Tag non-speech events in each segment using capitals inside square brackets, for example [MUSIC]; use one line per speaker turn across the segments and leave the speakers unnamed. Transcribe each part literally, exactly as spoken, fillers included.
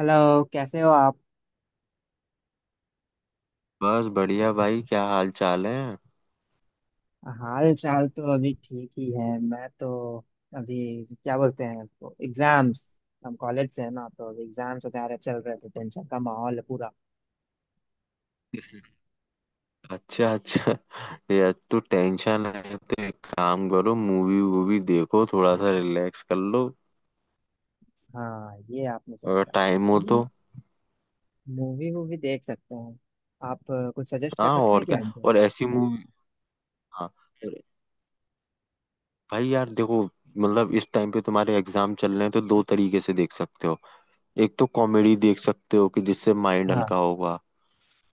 Hello, कैसे हो आप।
बस बढ़िया भाई। क्या हाल चाल है?
हाल चाल तो अभी ठीक ही है। मैं तो अभी क्या बोलते हैं तो एग्जाम्स, हम कॉलेज से है ना, तो अभी एग्जाम्स वगैरह चल रहे थे। टेंशन का माहौल है पूरा।
अच्छा, अच्छा। ये तो टेंशन है, तो एक काम करो, मूवी वूवी देखो, थोड़ा सा रिलैक्स कर लो
हाँ, ये आपने सही
अगर
कहा।
टाइम हो
मूवी,
तो।
मूवी वूवी देख सकते हैं। आप अ, कुछ सजेस्ट कर
हाँ,
सकते
और
हैं क्या
क्या?
हमको।
और ऐसी मूवी, हाँ। और भाई यार, देखो मतलब इस टाइम पे तुम्हारे एग्जाम चल रहे हैं, तो दो तरीके से देख सकते हो। एक तो कॉमेडी देख सकते हो कि जिससे माइंड
हाँ,
हल्का होगा,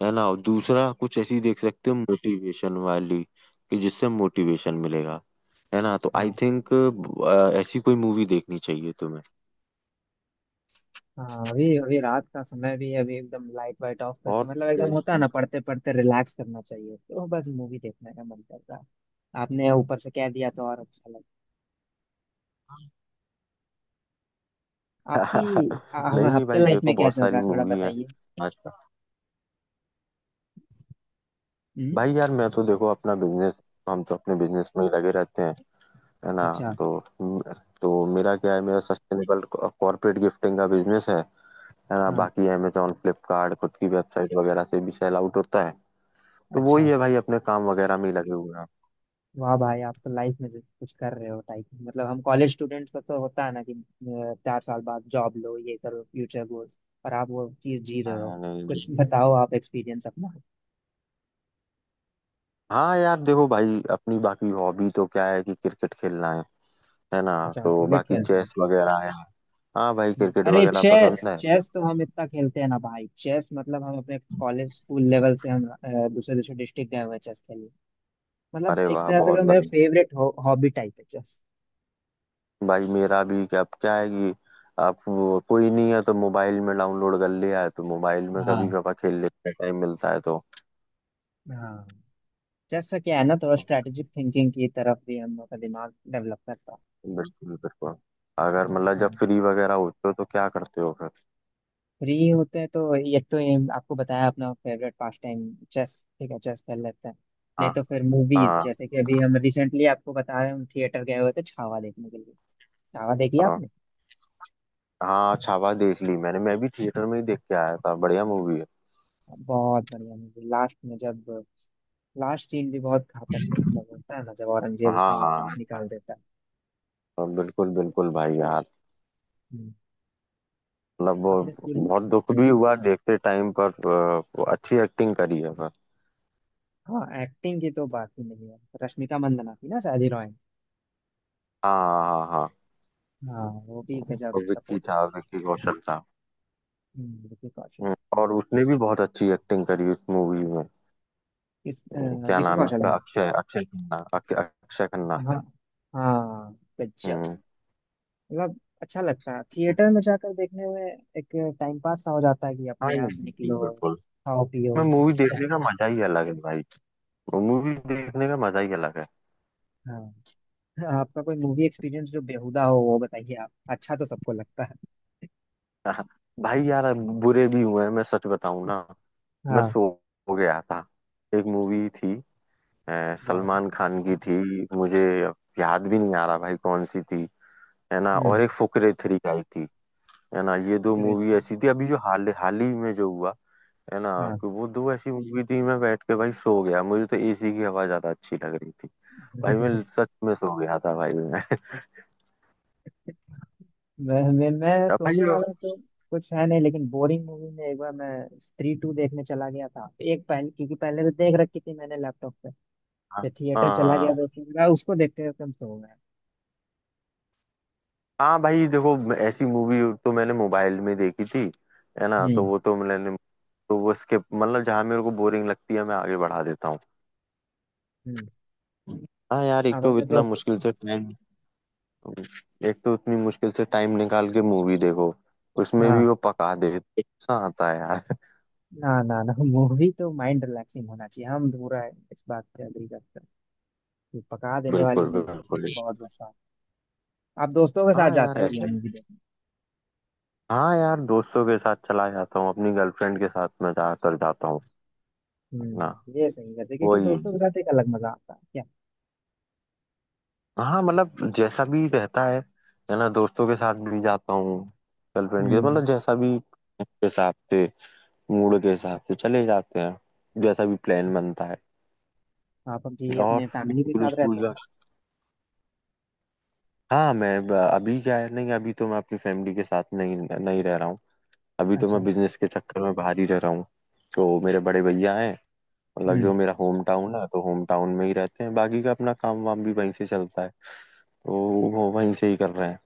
है ना। और दूसरा कुछ ऐसी देख सकते हो मोटिवेशन वाली, कि जिससे मोटिवेशन मिलेगा, है ना। तो आई
हाँ,
थिंक ऐसी कोई मूवी देखनी चाहिए तुम्हें।
हाँ। अभी अभी रात का समय भी है, अभी एकदम लाइट वाइट ऑफ करके,
और
मतलब एकदम होता है ना,
[LAUGHS]
पढ़ते पढ़ते रिलैक्स करना चाहिए, तो बस मूवी देखने का मन कर रहा है। आपने ऊपर से कह दिया तो और अच्छा। आपकी, आप,
नहीं नहीं
आपके
भाई,
लाइफ
देखो
में क्या
बहुत
चल रहा
सारी
है, थोड़ा
मूवी है
बताइए।
आजकल।
हम्म।
भाई यार, मैं तो देखो अपना बिजनेस, हम तो अपने बिजनेस में ही लगे रहते हैं, है ना।
अच्छा।
तो तो मेरा क्या है, मेरा सस्टेनेबल कॉर्पोरेट गिफ्टिंग का बिजनेस है है ना।
हाँ।
बाकी अमेजोन, फ्लिपकार्ट, खुद की वेबसाइट वगैरह से भी सेल आउट होता है। तो
अच्छा।
वही है भाई, अपने काम वगैरह में ही लगे हुए हैं।
वाह भाई, आप तो लाइफ में जैसे कुछ कर रहे हो टाइप। मतलब हम कॉलेज स्टूडेंट्स को तो होता है ना कि अ, चार साल बाद जॉब लो, ये करो, फ्यूचर गोल्स। और आप वो चीज जी रहे हो।
हाँ, नहीं
कुछ
नहीं।
बताओ आप एक्सपीरियंस अपना।
हाँ यार देखो भाई, अपनी बाकी हॉबी तो क्या है, कि क्रिकेट खेलना है है ना।
अच्छा,
तो
क्रिकेट
बाकी
खेलते हैं।
चेस वगैरह है। हाँ भाई,
हम्म,
क्रिकेट
अरे,
वगैरह पसंद
चेस
है।
चेस तो हम इतना खेलते हैं ना भाई। चेस मतलब हम अपने कॉलेज स्कूल लेवल से हम अ, दूसरे दूसरे डिस्ट्रिक्ट गए हुए हैं चेस खेलने। मतलब
अरे
एक
वाह,
तरह
बहुत
से मेरा
बढ़िया।
फेवरेट हॉबी टाइप है चेस।
भाई मेरा भी क्या क्या है, कि आप वो- कोई नहीं है तो मोबाइल में डाउनलोड कर लिया है, तो मोबाइल में कभी
हाँ।
कभार खेल लेते हैं, टाइम मिलता है तो।
हाँ, जैसा क्या है ना, थोड़ा स्ट्रेटेजिक थिंकिंग की तरफ भी हम लोग का दिमाग डेवलप करता है।
बिल्कुल बिल्कुल। अगर मतलब जब
हम्म।
फ्री वगैरह होते हो तो क्या करते हो फिर?
फ्री होते हैं तो एक तो ये आपको बताया अपना फेवरेट पास टाइम चेस। ठीक है, चेस खेल लेते हैं। नहीं
हाँ
तो फिर मूवीज,
हाँ
जैसे कि अभी हम रिसेंटली आपको बता रहे हैं, हम थिएटर गए हुए थे छावा देखने के लिए। छावा देखी आपने।
हाँ। हाँ, छावा देख ली मैंने, मैं भी थिएटर में ही देख के आया था, बढ़िया मूवी है।
बहुत बढ़िया मूवी। लास्ट में जब, लास्ट सीन भी बहुत घातक है। मतलब होता है ना, जब
हाँ
औरंगजेब उसका आँख आँख
हाँ।
निकाल देता है।
और बिल्कुल बिल्कुल भाई यार,
हम्म।
मतलब वो
अपने स्कूल।
बहुत दुख भी हुआ देखते टाइम पर अ, वो अच्छी एक्टिंग करी है पर।
हाँ, एक्टिंग की तो बात ही नहीं है। रश्मिका मंदाना थी ना शायद हीरोइन।
हाँ हाँ हाँ।
हाँ, वो भी गजब
और विक्की
सपोर्ट है।
था, विक्की कौशल था।
हम्म, विकी कौशल।
हम्म, और उसने भी बहुत अच्छी एक्टिंग करी उस मूवी में।
किस
हम्म,
अ,
क्या
विकी
नाम है
कौशल
उसका?
है।
अक्षय, अक्षय खन्ना, अक- अक्षय खन्ना।
हाँ। हाँ। गजब।
हम्म।
मतलब अच्छा लगता है थिएटर में जाकर देखने में। एक टाइम पास सा हो जाता है कि
हाँ
अपने यहाँ से
बिल्कुल,
निकलो,
बिल्कुल।
खाओ पियो।
मैं मूवी
क्या।
देखने का मजा ही अलग है भाई। मूवी देखने का मजा ही अलग है।
हाँ। आपका कोई मूवी एक्सपीरियंस जो बेहुदा हो वो बताइए आप। अच्छा, तो सबको लगता है।
हाँ, भाई यार अब बुरे भी हुए हैं, मैं सच बताऊं ना। मैं
हाँ।
सो हो गया था। एक मूवी थी अ,
वाह।
सलमान खान की थी, मुझे याद भी नहीं आ रहा भाई कौन सी थी, है ना। और
हम्म।
एक फुकरे थ्री आई थी, है ना। ये दो
तो
मूवी
रहती-
ऐसी थी अभी जो हाल हाल ही में जो हुआ, है ना।
हाँ।
कि वो दो ऐसी मूवी थी, मैं बैठ के भाई सो गया, मुझे तो ए सी की हवा ज्यादा अच्छी लग रही थी। भाई मैं,
[LAUGHS]
सच में सो गया था भाई मैं।
मैं मैं मैं
[LAUGHS] भाई।
सोने वाला तो कुछ है नहीं, लेकिन बोरिंग मूवी में एक बार मैं स्त्री टू देखने चला गया था एक। पहले क्योंकि पहले तो देख रखी थी मैंने लैपटॉप पे,
हाँ
फिर
हाँ
थिएटर चला गया,
हाँ
तो उसके बाद उसको देखते हुए कम सो गया।
हाँ। भाई देखो ऐसी मूवी तो मैंने मोबाइल में देखी थी, है ना। तो
हम्म।
वो तो मैंने तो वो स्किप, मतलब जहाँ मेरे को बोरिंग लगती है मैं आगे बढ़ा देता हूँ।
हम्म।
हाँ यार, एक
आप
तो
अपने
इतना
दोस्त।
मुश्किल से टाइम, एक तो इतनी मुश्किल से टाइम निकाल के मूवी देखो, उसमें भी
हाँ।
वो पका देते, ऐसा आता है यार।
ना ना ना, मूवी तो माइंड रिलैक्सिंग होना चाहिए। हम पूरा इस बात पे अग्री करते हैं कि पका देने वाली
बिल्कुल
मूवी तो
बिल्कुल।
फिर बहुत गुस्सा आता है। आप दोस्तों के साथ
हाँ यार
जाते हो क्या
ऐसे,
मूवी देखने।
हाँ यार दोस्तों के साथ चला जाता हूँ, अपनी गर्लफ्रेंड के साथ मैं ज्यादातर जाता हूँ। ना
हम्म, ये सही करते हैं, क्योंकि
वही,
दोस्तों के साथ एक अलग मजा आता है क्या।
हाँ मतलब जैसा भी रहता है है ना। दोस्तों के साथ भी जाता हूँ, गर्लफ्रेंड के,
हम्म।
मतलब जैसा भी उसके हिसाब से, मूड के हिसाब से चले जाते हैं, जैसा भी प्लान बनता है।
आप अभी
और
अपने फैमिली के
स्कूल
साथ रहते
स्कूल
हैं
का।
क्या।
हाँ, मैं ब- अभी क्या है, नहीं अभी तो मैं अपनी फैमिली के साथ नहीं नहीं रह रहा हूँ। अभी तो मैं
अच्छा।
बिजनेस के चक्कर में बाहर ही रह रहा हूँ। तो मेरे बड़े भैया हैं, मतलब
हम्म।
जो मेरा होम टाउन है, तो होम टाउन में ही रहते हैं, बाकी का अपना काम वाम भी वहीं से चलता है। तो वो वहीं से ही कर रहे हैं।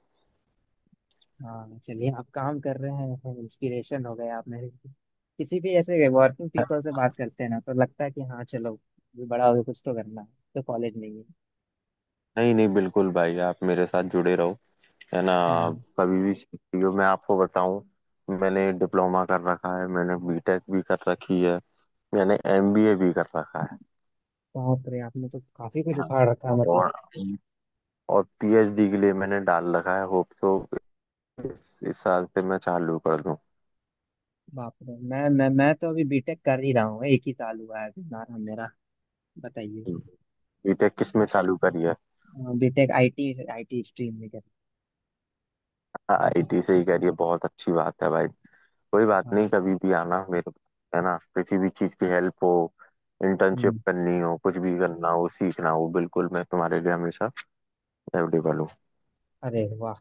हाँ, चलिए, आप काम कर रहे हैं। इंस्पिरेशन हो गए आप मेरे लिए। किसी भी ऐसे वर्किंग पीपल से बात करते हैं ना तो लगता है कि हाँ चलो, ये बड़ा हो गया, कुछ तो करना है। तो कॉलेज नहीं है।
नहीं नहीं, बिल्कुल भाई, आप मेरे साथ जुड़े रहो, है ना।
हाँ।
आप कभी भी सीखती हो, मैं आपको बताऊं। मैंने डिप्लोमा कर रखा है, मैंने बीटेक भी कर रखी है, मैंने एम बी ए भी कर रखा है।
बाप रे, आपने तो काफी कुछ
हाँ।
उखाड़ रखा है मतलब।
और और पी एच डी के लिए मैंने डाल रखा है, होप सो इस, इस साल से मैं चालू कर दूं।
बाप रे। मैं मैं मैं तो अभी बीटेक कर ही रहा हूँ। एक ही साल हुआ है अभी हमारा मेरा। बताइए।
बीटेक किस में चालू करी है?
BTech IT. आईटी स्ट्रीम में कर।
आई टी से ही करी है, बहुत अच्छी बात है भाई। कोई बात नहीं,
हाँ।
कभी भी आना मेरे पास, है ना। किसी भी चीज की हेल्प हो, इंटर्नशिप
हम्म।
करनी हो, कुछ भी करना हो, सीखना हो, बिल्कुल मैं तुम्हारे लिए हमेशा अवेलेबल हूँ।
अरे वाह,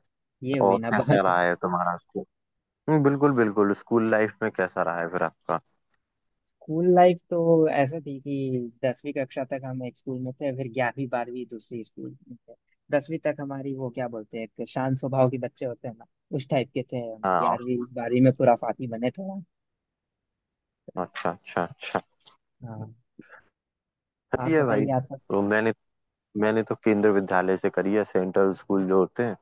ये हुई
और
ना
कैसा
बात।
रहा है तुम्हारा स्कूल? हम्म, बिल्कुल बिल्कुल। स्कूल लाइफ में कैसा रहा है फिर आपका?
स्कूल लाइफ तो ऐसा थी कि दसवीं कक्षा तक हम एक स्कूल में थे, फिर ग्यारहवीं बारहवीं दूसरे स्कूल में थे। दसवीं तक हमारी, वो क्या बोलते हैं, एक शांत स्वभाव के बच्चे होते हैं ना, उस टाइप के थे हम।
हाँ।
ग्यारहवीं
और-
बारहवीं में खुराफाती बने थोड़ा।
अच्छा अच्छा अच्छा।
हाँ। आप
सही है भाई।
बताइए आपका।
तो मैंने, मैंने तो केंद्र विद्यालय से करी है, सेंट्रल स्कूल जो होते हैं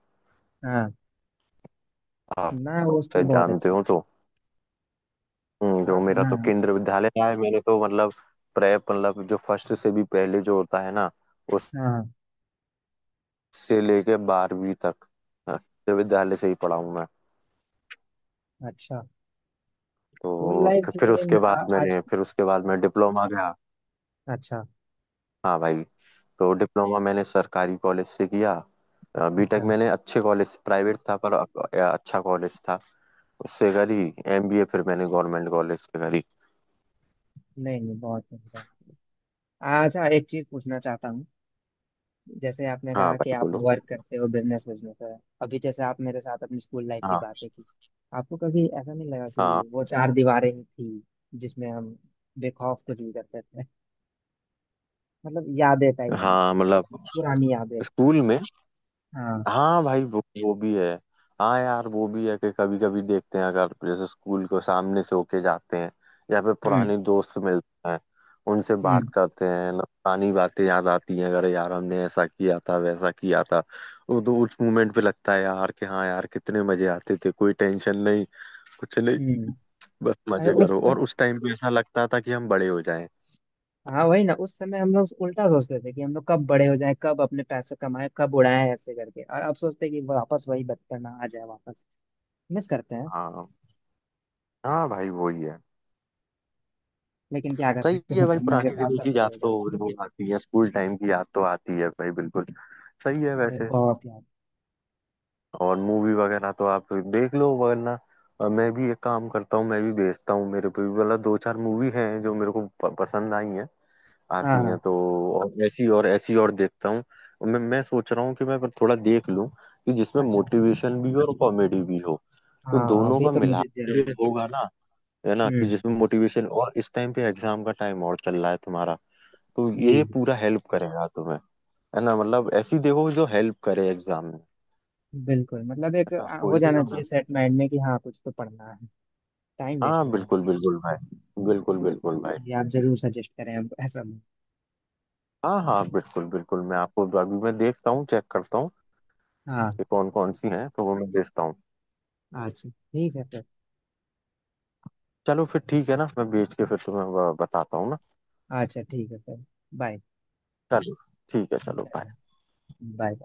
हाँ
आप
ना, वो स्कूल
शायद
बहुत
जानते
अच्छे।
हो तो। हम्म, जो
हाँ,
मेरा
सुना
तो
है।
केंद्र विद्यालय रहा है, मैंने तो मतलब प्रेप, मतलब जो फर्स्ट से भी पहले जो होता है ना,
हाँ।
से लेके बारहवीं तक। हाँ, तो विद्यालय से ही पढ़ा हूँ मैं।
अच्छा। स्कूल
तो
लाइफ,
फिर फिर
लेकिन
उसके
आ,
बाद
आज।
मैंने फिर उसके बाद मैं डिप्लोमा गया।
अच्छा।
हाँ भाई। तो डिप्लोमा मैंने सरकारी कॉलेज से किया। बीटेक
अच्छा,
मैंने अच्छे कॉलेज, प्राइवेट था पर अ- अच्छा कॉलेज था, उससे करी। एम बी ए फिर मैंने गवर्नमेंट कॉलेज से करी।
नहीं नहीं, बहुत सही बात। अच्छा, एक चीज पूछना चाहता हूँ। जैसे आपने
हाँ
कहा कि
भाई
आप
बोलो।
वर्क करते हो, बिजनेस बिजनेस है। अभी जैसे आप मेरे साथ अपनी स्कूल लाइफ की
हाँ
बातें की, आपको कभी ऐसा नहीं लगा कि
हाँ
वो चार दीवारें ही थी जिसमें हम बेखौफ कुछ भी करते थे, मतलब यादें टाइप,
हाँ, मतलब
पुरानी यादें।
स्कूल में।
हाँ।
हाँ भाई वो वो भी है। हाँ यार वो भी है कि कभी कभी देखते हैं, अगर जैसे स्कूल के सामने से होके जाते हैं, या फिर
हम्म।
पुराने दोस्त मिलते हैं, उनसे
हम्म।
बात करते हैं ना, पुरानी बातें याद आती हैं, अगर यार हमने ऐसा किया था वैसा किया था। वो तो उस मोमेंट पे लगता है यार, कि हाँ यार कितने मजे आते थे, कोई टेंशन नहीं, कुछ नहीं,
हम्म।
बस
अरे
मजे
उस,
करो। और उस टाइम पे ऐसा लगता था कि हम बड़े हो जाएं।
हाँ वही ना, उस समय हम लोग उल्टा सोचते थे कि हम लोग कब बड़े हो जाएं, कब अपने पैसे कमाएं, कब उड़ाएं, ऐसे करके। और अब सोचते हैं कि वापस वही बचपना आ जाए वापस। मिस करते हैं।
हाँ, हाँ भाई वही है।
लेकिन क्या कर
सही
सकते
है
हैं,
भाई,
समय के
पुरानी
साथ
दिनों
सब
की
बड़े
याद
हो
तो
जाते
वो आती है, स्कूल टाइम की याद तो आती है भाई, बिल्कुल सही है
हैं। अरे,
वैसे।
बहुत याद।
और मूवी वगैरह तो आप देख लो, वरना अ, मैं भी एक काम करता हूँ, मैं भी भेजता हूँ, मेरे पे भी मतलब दो चार मूवी हैं जो मेरे को प- पसंद आई हैं, आती हैं
हाँ।
तो। और ऐसी और ऐसी और देखता हूँ, मैं मैं सोच रहा हूँ कि मैं थोड़ा देख लूँ, कि जिसमें
अच्छा।
मोटिवेशन भी हो और कॉमेडी भी हो। तो
हाँ,
दोनों
अभी
का
तो
मिला
मुझे
जो
जरूरी।
होगा ना, है ना। कि
हम्म।
जिसमें मोटिवेशन, और इस टाइम पे एग्जाम का टाइम और चल रहा है तुम्हारा, तो
जी।
ये पूरा हेल्प करेगा तुम्हें, है ना। मतलब ऐसी देखो जो हेल्प करे एग्जाम में,
बिल्कुल, मतलब एक
है ना,
आ, हो
कोई नहीं
जाना चाहिए
होगा।
सेट माइंड में कि हाँ, कुछ तो पढ़ना है। टाइम वेस्ट
हाँ
नहीं होना
बिल्कुल
चाहिए।
बिल्कुल भाई, बिल्कुल बिल्कुल भाई।
जी, आप जरूर सजेस्ट करें अब ऐसा।
हाँ हाँ, बिल्कुल बिल्कुल, मैं आपको अभी, मैं देखता हूँ, चेक करता हूँ
हाँ।
कि कौन कौन सी हैं, तो वो मैं भेजता हूँ।
अच्छा, ठीक है सर।
चलो फिर ठीक है ना, मैं बेच के फिर तुम्हें ब- बताता हूँ ना।
अच्छा, ठीक है सर। बाय।
चलो, ठीक है, चलो।
चलो। बाय।